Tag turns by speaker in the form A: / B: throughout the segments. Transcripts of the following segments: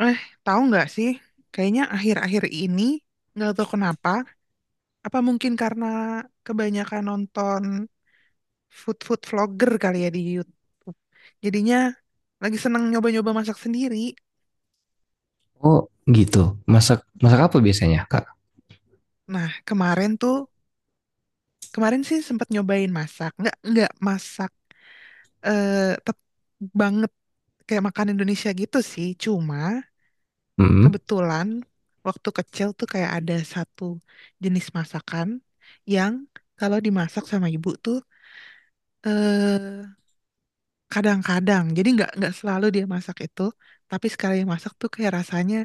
A: Eh, tahu nggak sih? Kayaknya akhir-akhir ini nggak tahu kenapa. Apa mungkin karena kebanyakan nonton food food vlogger kali ya di YouTube. Jadinya lagi seneng nyoba-nyoba masak sendiri.
B: Oh gitu. Masak masak apa biasanya, Kak?
A: Nah, kemarin sih sempat nyobain masak. Nggak masak eh tep banget kayak makan Indonesia gitu sih. Cuma
B: Hmm.
A: kebetulan waktu kecil tuh kayak ada satu jenis masakan yang kalau dimasak sama ibu tuh eh kadang-kadang jadi nggak selalu dia masak itu, tapi sekali masak tuh kayak rasanya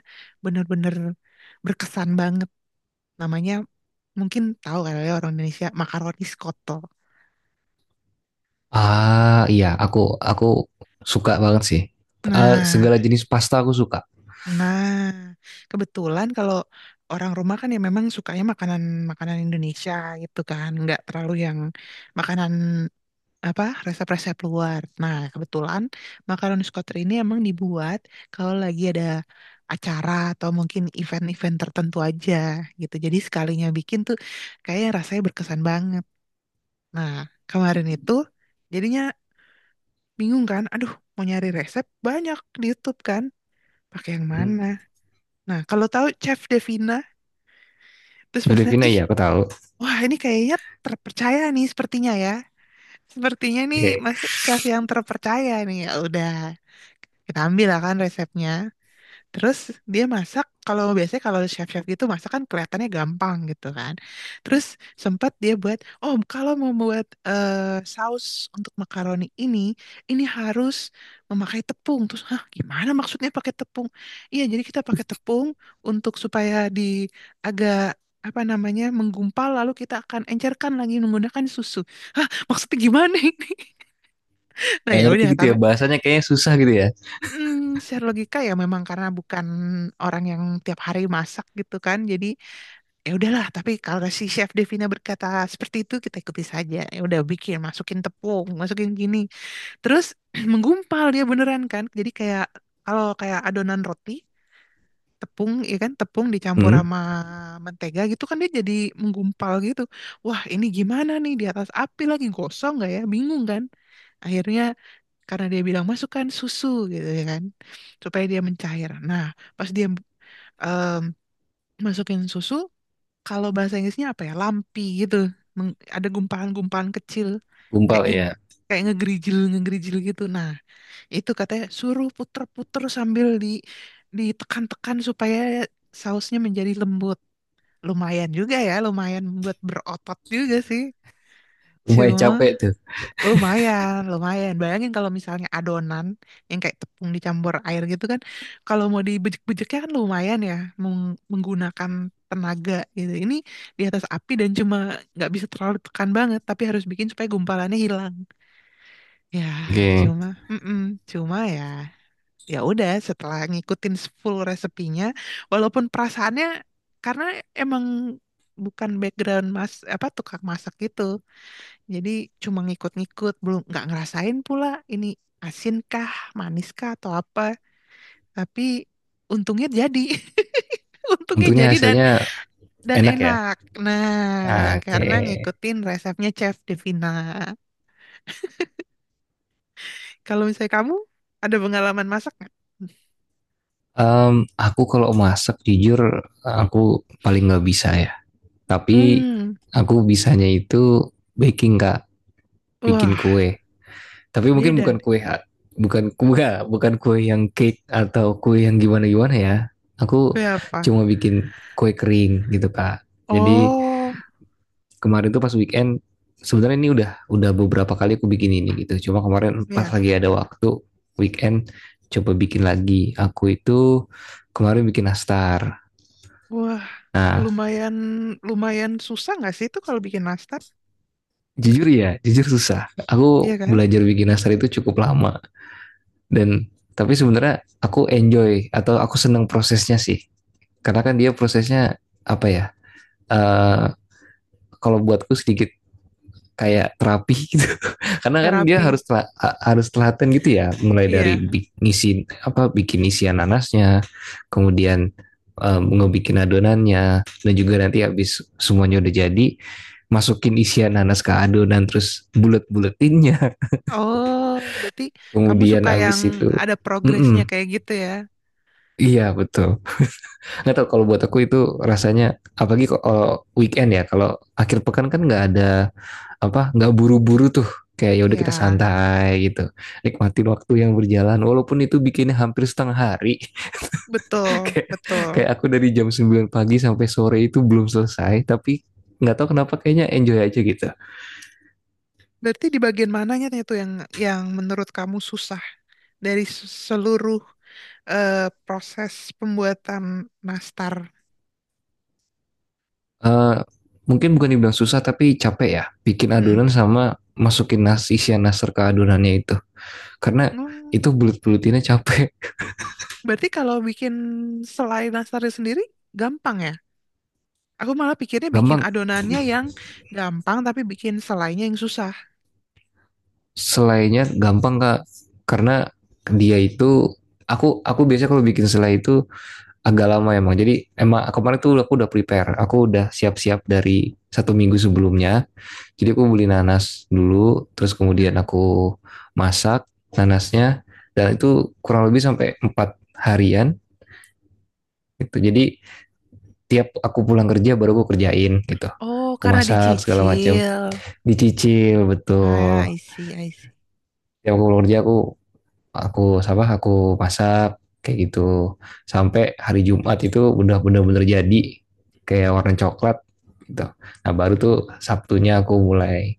A: bener-bener berkesan banget. Namanya mungkin tahu kali ya orang Indonesia, makaroni skoto.
B: Ah iya, aku suka banget sih. Eh,
A: nah
B: segala jenis pasta aku suka.
A: nah kebetulan kalau orang rumah kan ya memang sukanya makanan makanan Indonesia gitu kan, nggak terlalu yang makanan apa resep-resep luar. Nah, kebetulan makaroni Scotter ini emang dibuat kalau lagi ada acara atau mungkin event-event tertentu aja gitu. Jadi sekalinya bikin tuh kayak rasanya berkesan banget. Nah, kemarin itu jadinya bingung kan, aduh, mau nyari resep banyak di YouTube kan, pakai yang
B: Hmm.
A: mana? Nah, kalau tahu Chef Devina terus pas lihat,
B: Filipina
A: ih,
B: ya, aku tahu.
A: wah ini kayaknya terpercaya nih sepertinya ya. Sepertinya nih
B: Oke.
A: Mas Chef yang terpercaya nih. Ya udah, kita ambil lah kan resepnya. Terus dia masak, kalau biasanya kalau chef-chef gitu masak kan kelihatannya gampang gitu kan. Terus sempat dia buat, oh kalau mau buat saus untuk makaroni ini harus memakai tepung. Terus, hah, gimana maksudnya pakai tepung? Iya, jadi kita pakai tepung untuk supaya di agak apa namanya menggumpal, lalu kita akan encerkan lagi menggunakan susu. Hah, maksudnya gimana ini? Nah
B: Nggak
A: ya
B: ngerti
A: udah,
B: gitu ya
A: tapi
B: bahasanya kayaknya susah gitu ya.
A: Secara logika ya memang karena bukan orang yang tiap hari masak gitu kan. Jadi ya udahlah, tapi kalau si Chef Devina berkata seperti itu kita ikuti saja. Ya udah, bikin, masukin tepung, masukin gini. Terus menggumpal dia beneran kan. Jadi kayak kalau kayak adonan roti, tepung ya kan, tepung dicampur
B: Hmm.
A: sama mentega gitu kan dia jadi menggumpal gitu. Wah, ini gimana nih di atas api, lagi gosong nggak ya? Bingung kan. Akhirnya karena dia bilang masukkan susu gitu ya kan supaya dia mencair. Nah, pas dia em, masukin susu, kalau bahasa Inggrisnya apa ya? Lampi gitu. Ada gumpalan-gumpalan kecil kayak
B: Gumpal
A: nge
B: ya.
A: kayak ngegerijil ngegerijil gitu. Nah, itu katanya suruh puter-puter sambil ditekan-tekan supaya sausnya menjadi lembut. Lumayan juga ya, lumayan membuat berotot juga sih.
B: Lumayan
A: Cuma
B: capek tuh.
A: lumayan, lumayan. Bayangin kalau misalnya adonan yang kayak tepung dicampur air gitu kan, kalau mau dibejek-bejeknya kan lumayan ya, menggunakan tenaga gitu. Ini di atas api dan cuma nggak bisa terlalu tekan banget, tapi harus bikin supaya gumpalannya hilang. Ya,
B: Oke.
A: cuma, mm-mm, cuma ya, ya udah. Setelah ngikutin full resepinya, walaupun perasaannya karena emang bukan background mas apa tukang masak gitu, jadi cuma ngikut-ngikut, belum nggak ngerasain pula ini asin kah, manis kah atau apa. Tapi untungnya jadi. Untungnya
B: Untungnya
A: jadi dan
B: hasilnya
A: dan
B: enak ya.
A: enak. Nah,
B: Oke.
A: karena ngikutin resepnya Chef Devina. Kalau misalnya kamu ada pengalaman masak nggak?
B: Em, aku kalau masak jujur aku paling nggak bisa ya. Tapi
A: Hmm,
B: aku bisanya itu baking, Kak, bikin
A: wah,
B: kue. Tapi mungkin
A: beda
B: bukan
A: nih.
B: kue bukan kue bukan kue yang cake atau kue yang gimana-gimana ya. Aku
A: Kue apa?
B: cuma bikin kue kering gitu, Kak. Jadi
A: Oh,
B: kemarin tuh pas weekend sebenarnya ini udah beberapa kali aku bikin ini gitu. Cuma kemarin pas
A: ya.
B: lagi ada waktu weekend coba bikin lagi. Aku itu kemarin bikin nastar.
A: Wah,
B: Nah,
A: lumayan lumayan susah nggak sih itu kalau bikin nastar?
B: jujur ya, jujur susah.
A: Iya
B: Aku
A: kan?
B: belajar bikin nastar itu cukup lama dan tapi sebenarnya aku enjoy atau aku seneng prosesnya sih karena kan dia prosesnya apa ya eh kalau buatku sedikit kayak terapi gitu karena kan dia
A: Terapi.
B: harus harus telaten gitu ya, mulai dari
A: Iya.
B: ngisi apa bikin isian nanasnya, kemudian ngebikin adonannya, dan juga nanti habis semuanya udah jadi masukin isian nanas ke adonan terus bulet-buletinnya,
A: Oh, berarti kamu
B: kemudian
A: suka yang
B: habis itu
A: ada progresnya
B: mm-mm,
A: kayak gitu ya?
B: iya betul. Nggak tahu, kalau buat aku itu rasanya apalagi kalau weekend ya, kalau akhir pekan kan nggak ada apa nggak buru-buru tuh, kayak ya udah
A: Iya,
B: kita santai gitu, nikmatin waktu yang berjalan walaupun itu bikinnya hampir setengah hari.
A: betul,
B: kayak
A: betul.
B: Kayak aku dari jam 9 pagi sampai sore itu belum selesai, tapi nggak tahu kenapa kayaknya enjoy aja gitu.
A: Berarti di bagian mananya tuh yang menurut kamu susah dari seluruh eh, proses pembuatan nastar?
B: Eh, Mungkin bukan dibilang susah tapi capek ya, bikin
A: Mm-mm.
B: adonan sama masukin nasi isian nasar ke adonannya itu, karena
A: Hmm,
B: itu bulut-bulutinnya capek.
A: berarti kalau bikin selai nastarnya sendiri gampang ya? Aku malah pikirnya bikin
B: Gampang,
A: adonannya yang gampang tapi bikin selainya yang susah.
B: selainya gampang, kak. Karena dia itu, aku biasanya kalau bikin selai itu agak lama emang. Jadi emang kemarin tuh aku udah prepare, aku udah siap-siap dari satu minggu sebelumnya. Jadi aku beli nanas dulu, terus kemudian
A: Hmm.
B: aku masak nanasnya, dan itu kurang lebih sampai 4 harian gitu. Jadi tiap aku pulang kerja baru aku kerjain gitu,
A: Oh,
B: aku
A: karena
B: masak segala macam,
A: dicicil.
B: dicicil
A: Ah,
B: betul.
A: I see, I see.
B: Tiap aku pulang kerja aku aku masak kayak gitu sampai hari Jumat itu udah bener-bener jadi, kayak warna coklat gitu. Nah baru tuh Sabtunya aku mulai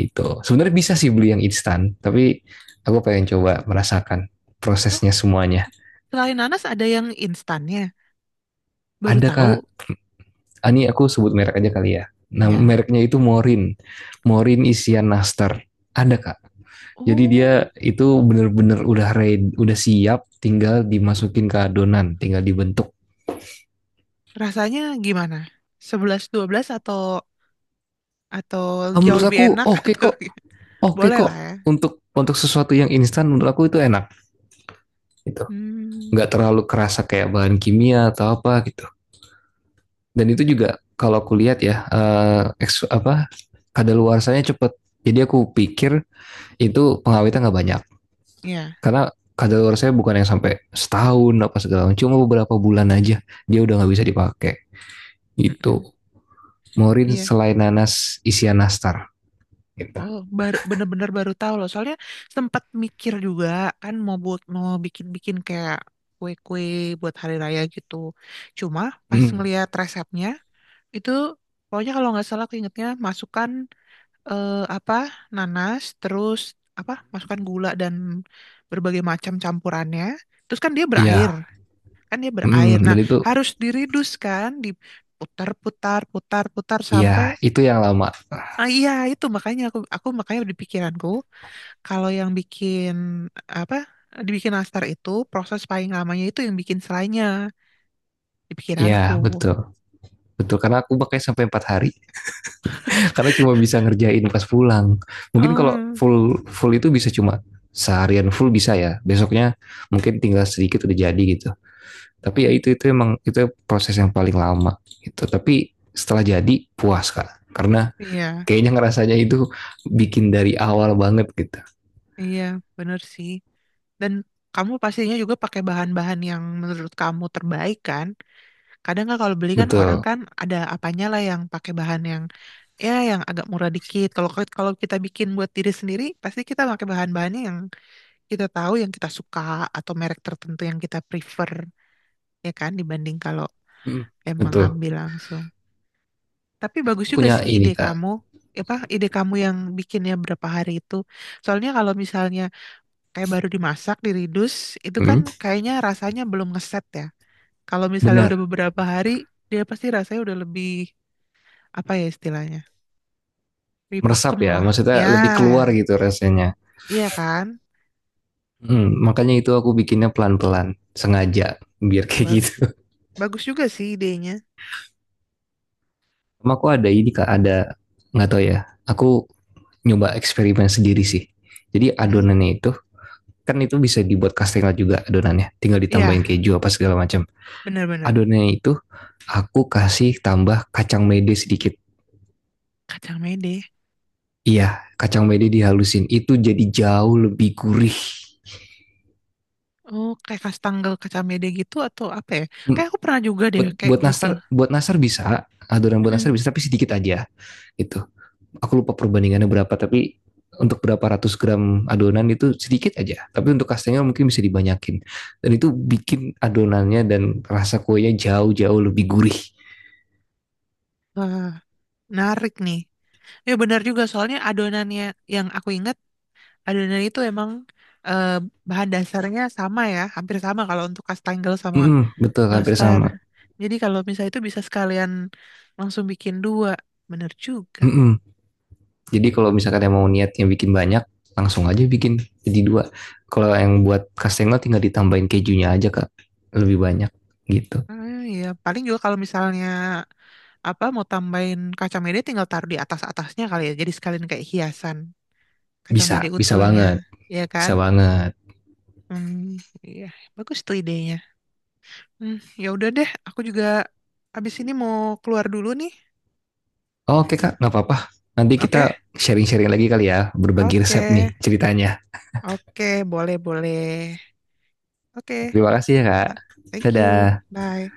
B: itu. Sebenarnya bisa sih beli yang instan, tapi aku pengen coba merasakan
A: Oh,
B: prosesnya semuanya.
A: selain nanas ada yang instannya. Baru
B: Ada kak.
A: tahu
B: Ah, ini aku sebut merek aja kali ya. Nah
A: ya.
B: mereknya itu Morin, Morin isian nastar. Ada kak. Jadi dia
A: Oh,
B: itu bener-bener udah ready, udah siap, tinggal dimasukin ke adonan, tinggal dibentuk.
A: rasanya gimana? Sebelas dua belas atau
B: Ah,
A: jauh
B: menurut
A: lebih
B: aku
A: enak
B: oke
A: atau
B: kok,
A: gimana?
B: oke
A: Boleh
B: kok.
A: lah ya.
B: Untuk sesuatu yang instan menurut aku itu enak gitu.
A: Hmm.
B: Nggak terlalu kerasa kayak bahan kimia atau apa gitu. Dan itu juga kalau aku lihat ya, apa kadaluarsanya cepet. Jadi aku pikir itu pengawetnya nggak banyak,
A: Iya.
B: karena kadaluarsanya bukan yang sampai setahun apa segala macam, cuma beberapa bulan aja dia udah nggak bisa dipakai gitu.
A: Mm-mm.
B: Morin
A: Iya.
B: selain nanas isian nastar gitu.
A: Oh, baru bener-bener baru tahu loh. Soalnya sempat mikir juga kan mau bikin-bikin kayak kue-kue buat hari raya gitu. Cuma pas
B: Hmm,
A: ngelihat resepnya itu pokoknya kalau nggak salah aku ingetnya masukkan eh, apa nanas, terus apa masukkan gula dan berbagai macam campurannya, terus kan dia berair
B: iya.
A: kan dia berair.
B: Hmm,
A: Nah,
B: dan itu
A: harus diridus kan, diputar putar putar putar sampai—
B: ya itu yang lama.
A: Ah iya, itu makanya aku makanya di pikiranku kalau yang bikin apa dibikin nastar itu proses paling lamanya itu yang bikin selainya, di pikiranku.
B: Ya betul. Betul, karena aku pakai sampai 4 hari. Karena cuma bisa ngerjain pas pulang. Mungkin kalau
A: Oh.
B: full full itu bisa, cuma seharian full bisa ya. Besoknya mungkin tinggal sedikit udah jadi gitu. Tapi ya
A: Mm,
B: itu emang itu proses yang paling lama gitu. Tapi setelah jadi puas, Kak. Karena
A: iya
B: kayaknya ngerasanya itu bikin dari awal banget gitu.
A: iya bener sih. Dan kamu pastinya juga pakai bahan-bahan yang menurut kamu terbaik kan? Kadang nggak kalau beli kan, orang
B: Betul.
A: kan ada apanya lah yang pakai bahan yang ya yang agak murah dikit. Kalau kalau kita bikin buat diri sendiri, pasti kita pakai bahan-bahannya yang kita tahu, yang kita suka, atau merek tertentu yang kita prefer, ya kan, dibanding kalau
B: Hmm,
A: emang
B: betul.
A: ngambil langsung. Tapi
B: Aku
A: bagus
B: tuh
A: juga
B: punya
A: sih
B: ini,
A: ide
B: Kak.
A: kamu. Apa ide kamu yang bikinnya berapa hari itu? Soalnya kalau misalnya kayak baru dimasak, diridus, itu kan
B: Hmm,
A: kayaknya rasanya belum ngeset ya. Kalau misalnya udah
B: benar.
A: beberapa hari, dia pasti rasanya udah lebih, apa ya istilahnya, lebih
B: Meresap
A: pakem
B: ya,
A: lah.
B: maksudnya
A: Ya,
B: lebih keluar gitu rasanya.
A: iya kan?
B: Mm, makanya itu aku bikinnya pelan-pelan, sengaja, biar kayak
A: Bag-
B: gitu.
A: Bagus juga sih idenya.
B: Sama aku ada ini kak, ada nggak tahu ya. Aku nyoba eksperimen sendiri sih. Jadi
A: Mm-mm.
B: adonannya itu kan itu bisa dibuat kastengel juga adonannya, tinggal ditambahin
A: Iya,
B: keju apa segala macam.
A: bener-bener.
B: Adonannya itu aku kasih tambah kacang mede sedikit.
A: Kacang mede.
B: Iya, kacang mede dihalusin itu jadi jauh lebih gurih.
A: Oh, kayak kastangel kacang mede gitu atau apa ya?
B: Mm,
A: Kayak aku pernah juga deh
B: Buat
A: kayak gitu.
B: buat nastar bisa, adonan buat
A: Mm-mm.
B: nastar bisa tapi sedikit aja gitu. Aku lupa perbandingannya berapa, tapi untuk berapa ratus gram adonan itu sedikit aja, tapi untuk kastengel mungkin bisa dibanyakin, dan itu bikin adonannya dan rasa kuenya jauh-jauh lebih gurih.
A: Wah, menarik nih. Ya benar juga, soalnya adonannya yang aku ingat. Adonan itu emang eh, bahan dasarnya sama ya, hampir sama kalau untuk kastengel sama
B: Mm-mm, betul hampir
A: nastar.
B: sama.
A: Jadi kalau misalnya itu bisa sekalian langsung bikin dua, bener juga.
B: Mm-mm. Jadi kalau misalkan yang mau niatnya bikin banyak, langsung aja bikin jadi dua. Kalau yang buat kastengel tinggal ditambahin kejunya aja kak, lebih banyak gitu.
A: Ah, ya paling juga kalau misalnya apa mau tambahin kacang mede tinggal taruh di atas-atasnya kali ya. Jadi sekalian kayak hiasan kacang
B: Bisa
A: mede
B: Bisa
A: utuhnya,
B: banget,
A: ya kan?
B: bisa banget.
A: Hmm, iya, bagus tuh idenya. Hmm, ya udah deh, aku juga abis ini mau keluar dulu nih.
B: Oke kak, nggak apa-apa, nanti
A: Oke,
B: kita sharing-sharing lagi kali ya, berbagi
A: oke.
B: resep nih ceritanya.
A: Oke, boleh, boleh. Oke,
B: Terima kasih ya, Kak.
A: ah, thank you.
B: Dadah.
A: Bye.